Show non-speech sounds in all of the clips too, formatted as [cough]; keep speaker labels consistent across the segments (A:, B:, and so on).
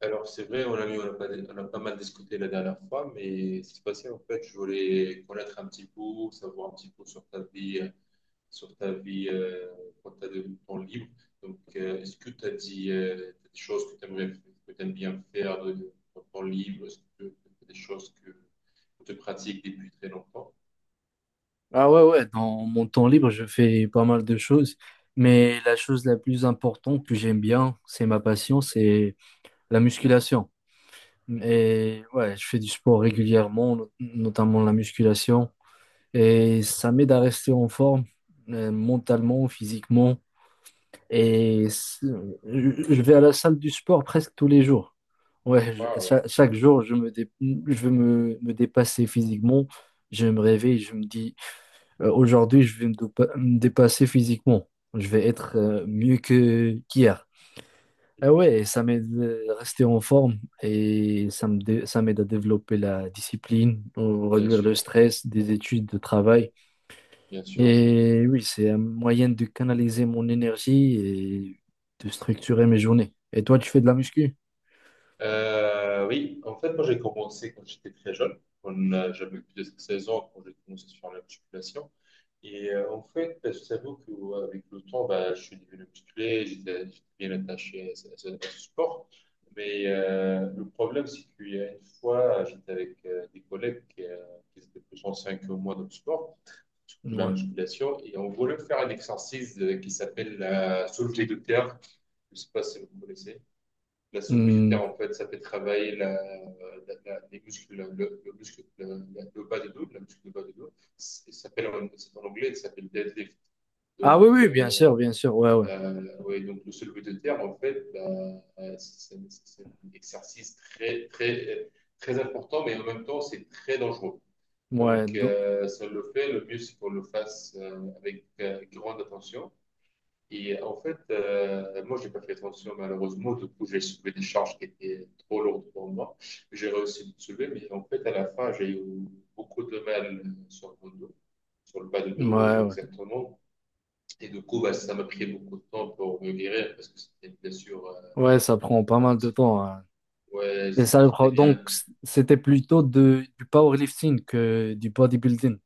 A: Alors, c'est vrai, on a pas mal discuté la dernière fois, mais c'est passé, en fait, je voulais connaître un petit peu, savoir un petit peu sur ta vie, sur ta vie euh, quand tu as de temps libre. Donc, est-ce que tu as dit des choses que tu aimes bien faire de ton temps libre? Est-ce que t'as des choses que tu pratiques depuis très longtemps?
B: Ah ouais, ouais, dans mon temps libre, je fais pas mal de choses, mais la chose la plus importante que j'aime bien, c'est ma passion, c'est la musculation.
A: Mhm.
B: Et ouais, je fais du sport régulièrement, notamment la musculation, et ça m'aide à rester en forme, mentalement, physiquement, et je vais à la salle du sport presque tous les jours. Ouais,
A: Waouh.
B: chaque jour, je veux me dépasser physiquement, je me réveille, je me dis aujourd'hui, je vais me dépasser physiquement. Je vais être mieux que qu'hier. Ah ouais, et ça m'aide à rester en forme et ça m'aide à développer la discipline,
A: Bien
B: réduire le
A: sûr,
B: stress des études, de travail.
A: bien sûr.
B: Et oui, c'est un moyen de canaliser mon énergie et de structurer mes journées. Et toi, tu fais de la muscu?
A: Oui, en fait, moi j'ai commencé quand j'étais très jeune. J'avais plus de 16 ans quand j'ai commencé sur la musculation. Et en fait, bah, je t'avoue qu'avec le temps, bah, je suis devenu musclé, j'étais bien attaché à ce sport. Mais le problème, c'est qu'il y a une fois, j'étais avec des collègues qui étaient plus anciens que moi dans le sport, surtout la
B: Ouais.
A: musculation, et on voulait faire un exercice qui s'appelle la soulevée de terre. Je ne sais pas si vous connaissez la saule budgétaire,
B: Hmm.
A: en fait, ça fait travailler les muscles, le muscle, le bas du dos, la muscle du bas du dos. C'est en anglais, ça s'appelle deadlift.
B: Ah
A: Donc,
B: oui, oui, bien
A: euh,
B: sûr, bien sûr. Ouais, ouais.
A: ouais, donc le soulevé de terre, en fait, bah, un exercice très, très, très important, mais en même temps, c'est très dangereux.
B: Ouais,
A: Donc, le mieux, c'est qu'on le fasse avec grande attention. Et en fait, moi, j'ai pas fait attention, malheureusement. Du coup, j'ai soulevé des charges qui étaient trop lourdes pour moi. J'ai réussi à les soulever, mais en fait, à la fin, j'ai eu beaucoup de mal sur mon dos, sur le bas de dos,
B: ouais, ouais.
A: exactement. Et du coup, bah, ça m'a pris beaucoup de temps pour me guérir parce que c'était une blessure
B: Ouais, ça prend pas
A: un
B: mal de
A: petit.
B: temps, hein.
A: Ouais,
B: C'est ça le
A: j'étais
B: pro-
A: bien.
B: Donc, c'était plutôt de, du powerlifting que du bodybuilding.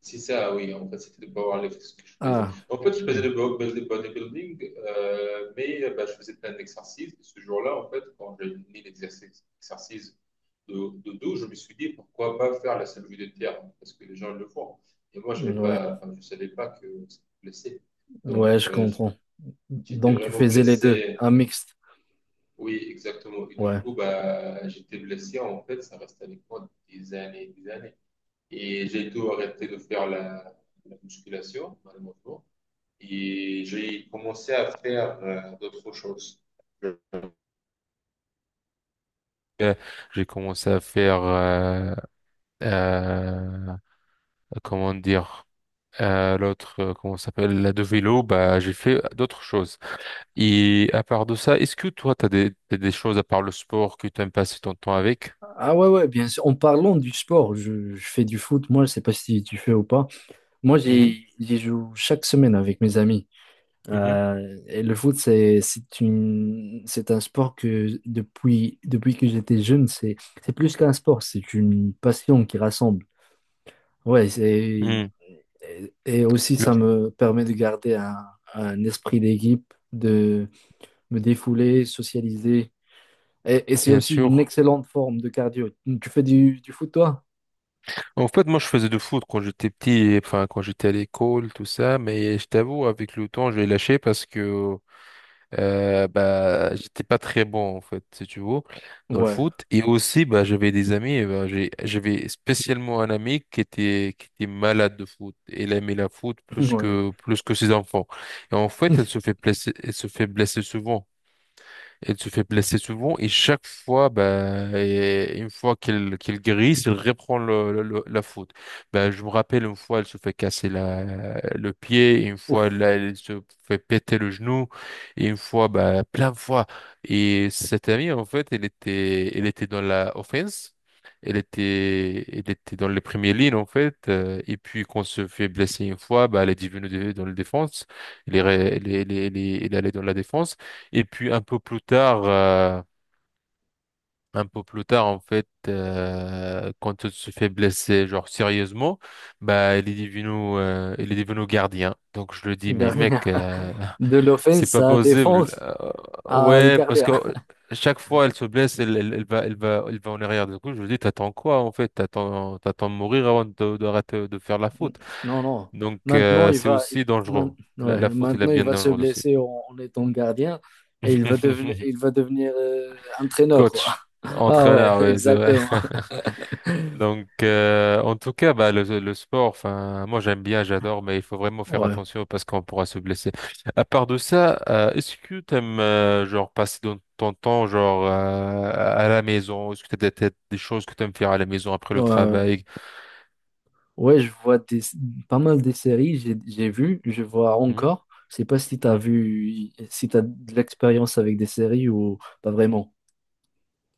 A: C'est ça, oui. En fait, c'était de powerlifting ce que je faisais.
B: Ah,
A: En fait, je faisais
B: mm,
A: le bodybuilding, mais bah, je faisais plein d'exercices. Ce jour-là, en fait, quand j'ai mis l'exercice, de, de dos, je me suis dit pourquoi pas faire la salle de terre parce que les gens le font. Et moi, j'avais
B: ouais,
A: pas, enfin, je ne savais pas que c'était blessé. Donc,
B: ouais, je comprends.
A: j'étais
B: Donc, tu
A: vraiment
B: faisais les deux,
A: blessé.
B: un mixte.
A: Oui, exactement. Et du
B: Ouais.
A: coup, bah, j'étais blessé. En fait, ça reste avec moi des années. Et j'ai tout arrêté de faire la musculation, malheureusement. Et j'ai commencé à faire d'autres choses. Euh, J'ai commencé à faire, euh, comment dire, comment ça s'appelle, la de vélo, bah, j'ai fait d'autres choses. Et à part de ça, est-ce que toi, t'as des choses à part le sport que t'aimes passer ton temps avec?
B: Ah ouais, ouais, bien sûr. En parlant du sport, je fais du foot. Moi, je sais pas si tu fais ou pas. Moi,
A: Mhm,
B: j'y joue chaque semaine avec mes amis.
A: mhm,
B: Et le foot, c'est un sport que depuis que j'étais jeune, c'est plus qu'un sport, c'est une passion qui rassemble. Ouais, c'est.
A: mhm.
B: Et aussi,
A: Le-
B: ça me permet de garder un esprit d'équipe, de me défouler, socialiser. Et c'est
A: Bien
B: aussi une
A: sûr.
B: excellente forme de cardio. Tu fais du foot, toi?
A: En fait, moi, je faisais du foot quand j'étais petit, et, enfin, quand j'étais à l'école, tout ça, mais je t'avoue, avec le temps, j'ai lâché parce que bah, j'étais pas très bon en fait, si tu veux, dans le
B: Ouais,
A: foot. Et aussi, bah, j'avais des amis. Et bah, j'avais spécialement un ami qui était malade de foot. Elle aimait la foot
B: [laughs]
A: plus
B: ouais.
A: que, plus que ses enfants. Et en fait, elle se fait blesser souvent. Elle se fait blesser souvent et chaque fois, bah, et une fois qu'elle guérisse, elle reprend la faute. Bah, je me rappelle une fois, elle se fait casser le pied, et une
B: Ouf.
A: fois, là, elle se fait péter le genou, et une fois, bah, plein de fois. Et cette amie, en fait, elle était dans la offense. Elle était dans les premières lignes, en fait. Et puis, quand elle se fait blesser une fois, bah, elle est devenue dans la défense. Elle est allée dans la défense. Et puis un peu plus tard, quand elle se fait blesser, genre sérieusement, bah il est devenu gardien. Donc je le dis, mais
B: Gardia.
A: mec,
B: De
A: [laughs] c'est
B: l'offense
A: pas
B: à
A: possible.
B: défense à
A: Ouais, parce que
B: Gardia.
A: chaque fois elle se blesse, elle va en arrière. Du coup, je lui dis, t'attends quoi en fait? T'attends de mourir avant d'arrêter de faire la
B: N-
A: faute.
B: Non, non.
A: Donc
B: Maintenant, il
A: c'est
B: va, il-
A: aussi
B: main-
A: dangereux. La,
B: Ouais,
A: la faute, elle est
B: maintenant, il
A: bien
B: va se
A: dangereuse aussi.
B: blesser en, en étant gardien et il va devenir
A: [laughs]
B: il va devenir entraîneur, quoi. [laughs]
A: Coach,
B: Ah ouais,
A: entraîneur,
B: [laughs]
A: oui, c'est vrai.
B: exactement.
A: [laughs] Donc, en tout cas, bah, le sport, enfin, moi j'aime bien, j'adore, mais il faut vraiment faire
B: Ouais.
A: attention parce qu'on pourra se blesser. À part de ça, est-ce que t'aimes, genre, passer ton temps, genre, à la maison? Est-ce que t'as des choses que t'aimes faire à la maison après le
B: Ouais.
A: travail?
B: Ouais, je vois des, pas mal de séries, j'ai vu, je vois
A: Mhm,
B: encore. Je sais pas si t'as
A: mhm.
B: vu, si t'as de l'expérience avec des séries ou pas vraiment.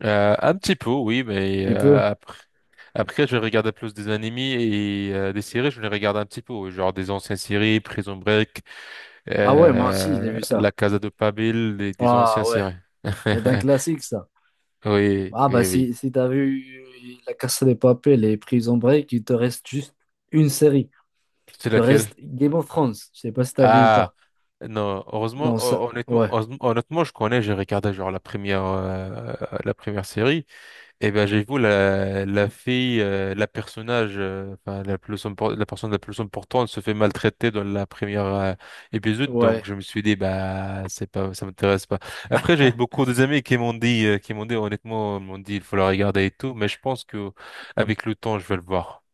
A: Un petit peu, oui, mais
B: Tu peux?
A: après, je regardais plus des animés et des séries, je les regarde un petit peu, oui, genre des anciennes séries, Prison Break,
B: Ah ouais, moi aussi, j'ai vu ça.
A: La Casa de Papel, des
B: Ah
A: anciens
B: ouais,
A: séries.
B: c'est un
A: [laughs]
B: classique, ça.
A: Oui,
B: Ah bah
A: oui, oui.
B: si, si t'as vu La Casa de Papel et Prison Break, il te reste juste une série. Il
A: C'est
B: te
A: laquelle?
B: reste Game of Thrones. Je sais pas si t'as vu ou
A: Ah,
B: pas.
A: non, heureusement,
B: Non, ça,
A: hon- honnêtement,
B: ouais,
A: heureusement- honnêtement, je connais, j'ai regardé genre la première série. Eh ben, j'avoue, la fille, la personnage, enfin, la personne la plus importante se fait maltraiter dans la première épisode,
B: ouais.
A: donc je me suis dit, bah, c'est pas, ça m'intéresse pas. Après, j'ai beaucoup des amis honnêtement, il faut la regarder et tout, mais je pense que, avec le temps, je vais le voir.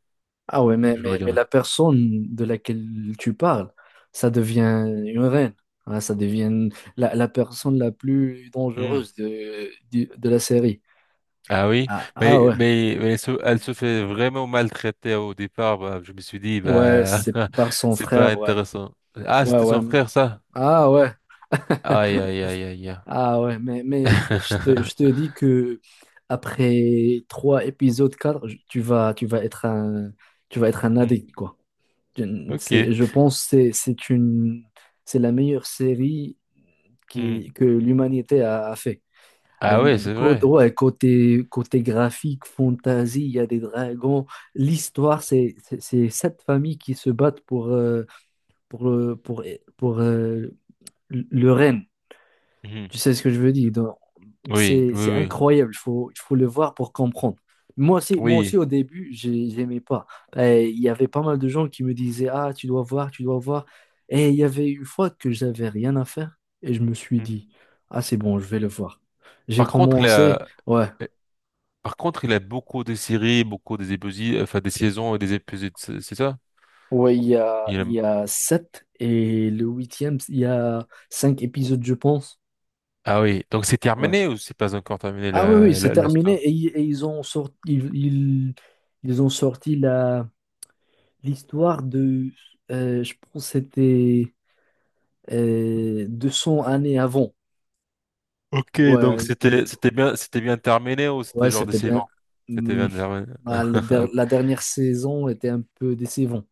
B: Ah ouais,
A: Je vais le
B: mais
A: regarder.
B: la personne de laquelle tu parles, ça devient une reine, hein, ça devient la, la personne la plus
A: Hmm.
B: dangereuse de, de la série.
A: Ah oui,
B: Ah, ah
A: mais,
B: ouais,
A: mais, mais elle se fait vraiment maltraiter au départ, bah, je me suis dit,
B: ouais,
A: bah,
B: c'est par
A: [laughs]
B: son
A: c'est pas
B: frère, ouais.
A: intéressant. Ah,
B: Ouais,
A: c'était
B: ouais.
A: son frère, ça?
B: Ah ouais,
A: Aïe, aïe, aïe, aïe.
B: ah ouais, mais je te
A: [laughs]
B: dis que après trois épisodes, quatre, tu vas être un, tu vas être un
A: Hmm.
B: addict, quoi.
A: Ok.
B: C'est, je pense c'est c'est une c'est la meilleure série
A: Hmm.
B: que l'humanité a, a fait. Euh,
A: Ah ouais, c'est
B: Côté,
A: vrai.
B: ouais, côté graphique, fantasy, il y a des dragons. L'histoire, c'est sept familles qui se battent pour, euh, pour, pour, euh, le règne.
A: Mhm.
B: Tu sais ce que je veux dire?
A: Oui, oui,
B: C'est
A: oui,
B: incroyable, il faut le voir pour comprendre. Moi
A: oui.
B: aussi au début, j'aimais pas. Il y avait pas mal de gens qui me disaient, ah, tu dois voir, tu dois voir. Et il y avait une fois que j'avais rien à faire et je me suis
A: Hmm.
B: dit, ah, c'est bon, je vais le voir. J'ai
A: Par contre, il
B: commencé,
A: a,
B: ouais,
A: euh, Par contre, il a beaucoup de séries, beaucoup des épisodes, enfin des saisons et des épisodes, c'est ça?
B: ouais,
A: Il a-
B: il y a sept et le huitième, il y a cinq épisodes, je pense.
A: Ah oui. Donc c'est
B: Ouais.
A: terminé ou c'est pas encore terminé
B: Ah oui, oui,
A: la,
B: c'est
A: la, la story?
B: terminé et ils ont sorti, ils ont sorti la l'histoire de, je pense que c'était 200 années avant.
A: Ok, donc
B: Ouais, du-
A: c'était bien terminé ou
B: ouais,
A: c'était genre
B: c'était bien.
A: décevant? C'était
B: Hum,
A: bien terminé.
B: ah, la
A: [laughs]
B: dernière saison était un peu décevante.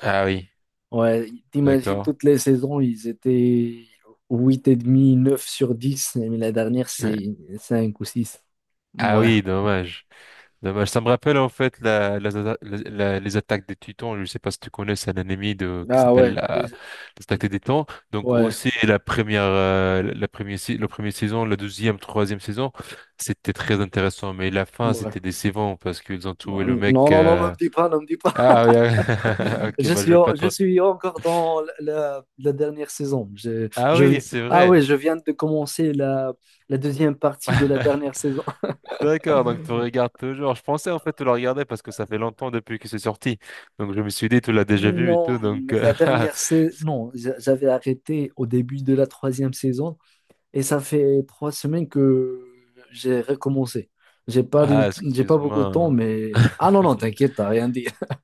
A: Ah oui,
B: Ouais, t'imagines
A: d'accord.
B: toutes les saisons, ils étaient huit et demi 9 sur 10 mais la dernière,
A: Ouais.
B: c'est 5 ou six.
A: Ah
B: Ouais.
A: oui, dommage. Dommage. Ça me rappelle en fait les attaques des Titans. Je ne sais pas si tu connais, c'est un anime qui
B: Ah
A: s'appelle
B: ouais,
A: les attaques des Titans. Donc
B: ouais,
A: aussi la première, si- la première saison, la deuxième, troisième saison, c'était très intéressant. Mais la fin,
B: ouais.
A: c'était décevant parce qu'ils ont
B: Bon,
A: trouvé le
B: non,
A: mec.
B: non, non, ne me dis pas, ne me dis.
A: Ah oui, ah oui. [laughs] Ok, bah je vais pas
B: Je
A: trop.
B: suis encore dans la, la dernière saison.
A: Ah oui, c'est
B: Ah oui,
A: vrai.
B: je viens de commencer la, la deuxième partie de la dernière
A: [laughs]
B: saison. [laughs]
A: D'accord, donc tu regardes toujours. Je pensais en fait tu la regardais parce que ça fait longtemps depuis que c'est sorti. Donc je me suis dit tu l'as déjà vu et tout.
B: Non,
A: Donc
B: mais la
A: [laughs]
B: dernière saison, non, j'avais arrêté au début de la troisième saison et ça fait trois semaines que j'ai recommencé. J'ai pas de,
A: ah
B: j'ai pas beaucoup de temps,
A: excuse-moi.
B: mais... Ah non, non,
A: [laughs]
B: t'inquiète, t'as rien dit. [laughs]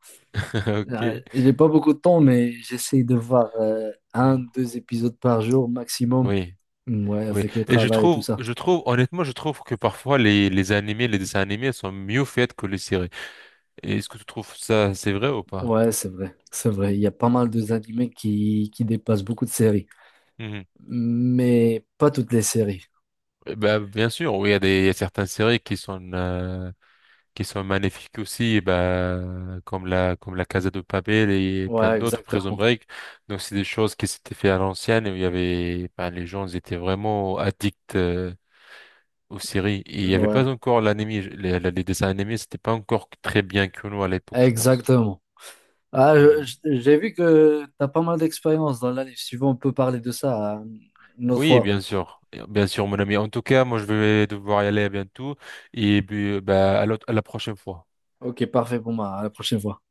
A: Ok.
B: J'ai pas beaucoup de temps, mais j'essaie de voir un,
A: Hmm.
B: deux épisodes par jour maximum.
A: Oui,
B: Ouais,
A: oui.
B: avec le
A: Et
B: travail et tout ça.
A: je trouve que parfois les animés, les dessins animés sont mieux faits que les séries. Et est-ce que tu trouves ça c'est vrai ou pas?
B: Ouais, c'est vrai, c'est vrai. Il y a pas mal de animés qui dépassent beaucoup de séries,
A: Mhm.
B: mais pas toutes les séries.
A: Eh ben bien sûr, oui, il y a certaines séries qui sont magnifiques aussi, et ben, comme la Casa de Papel et plein
B: Ouais,
A: d'autres, Prison
B: exactement.
A: Break. Donc, c'est des choses qui s'étaient fait à l'ancienne et où il y avait, ben, les gens ils étaient vraiment addicts aux séries. Et il n'y avait
B: Ouais,
A: pas encore l'anime, les dessins animés, c'était pas encore très bien connu à l'époque, je pense.
B: exactement. Ah,
A: Hmm.
B: j'ai vu que t'as pas mal d'expérience dans l'anime. Si tu veux, on peut parler de ça une autre
A: Oui,
B: fois.
A: bien sûr. Bien sûr, mon ami. En tout cas, moi, je vais devoir y aller bientôt. Et puis, bah, à la prochaine fois.
B: Ok, parfait pour moi. À la prochaine fois.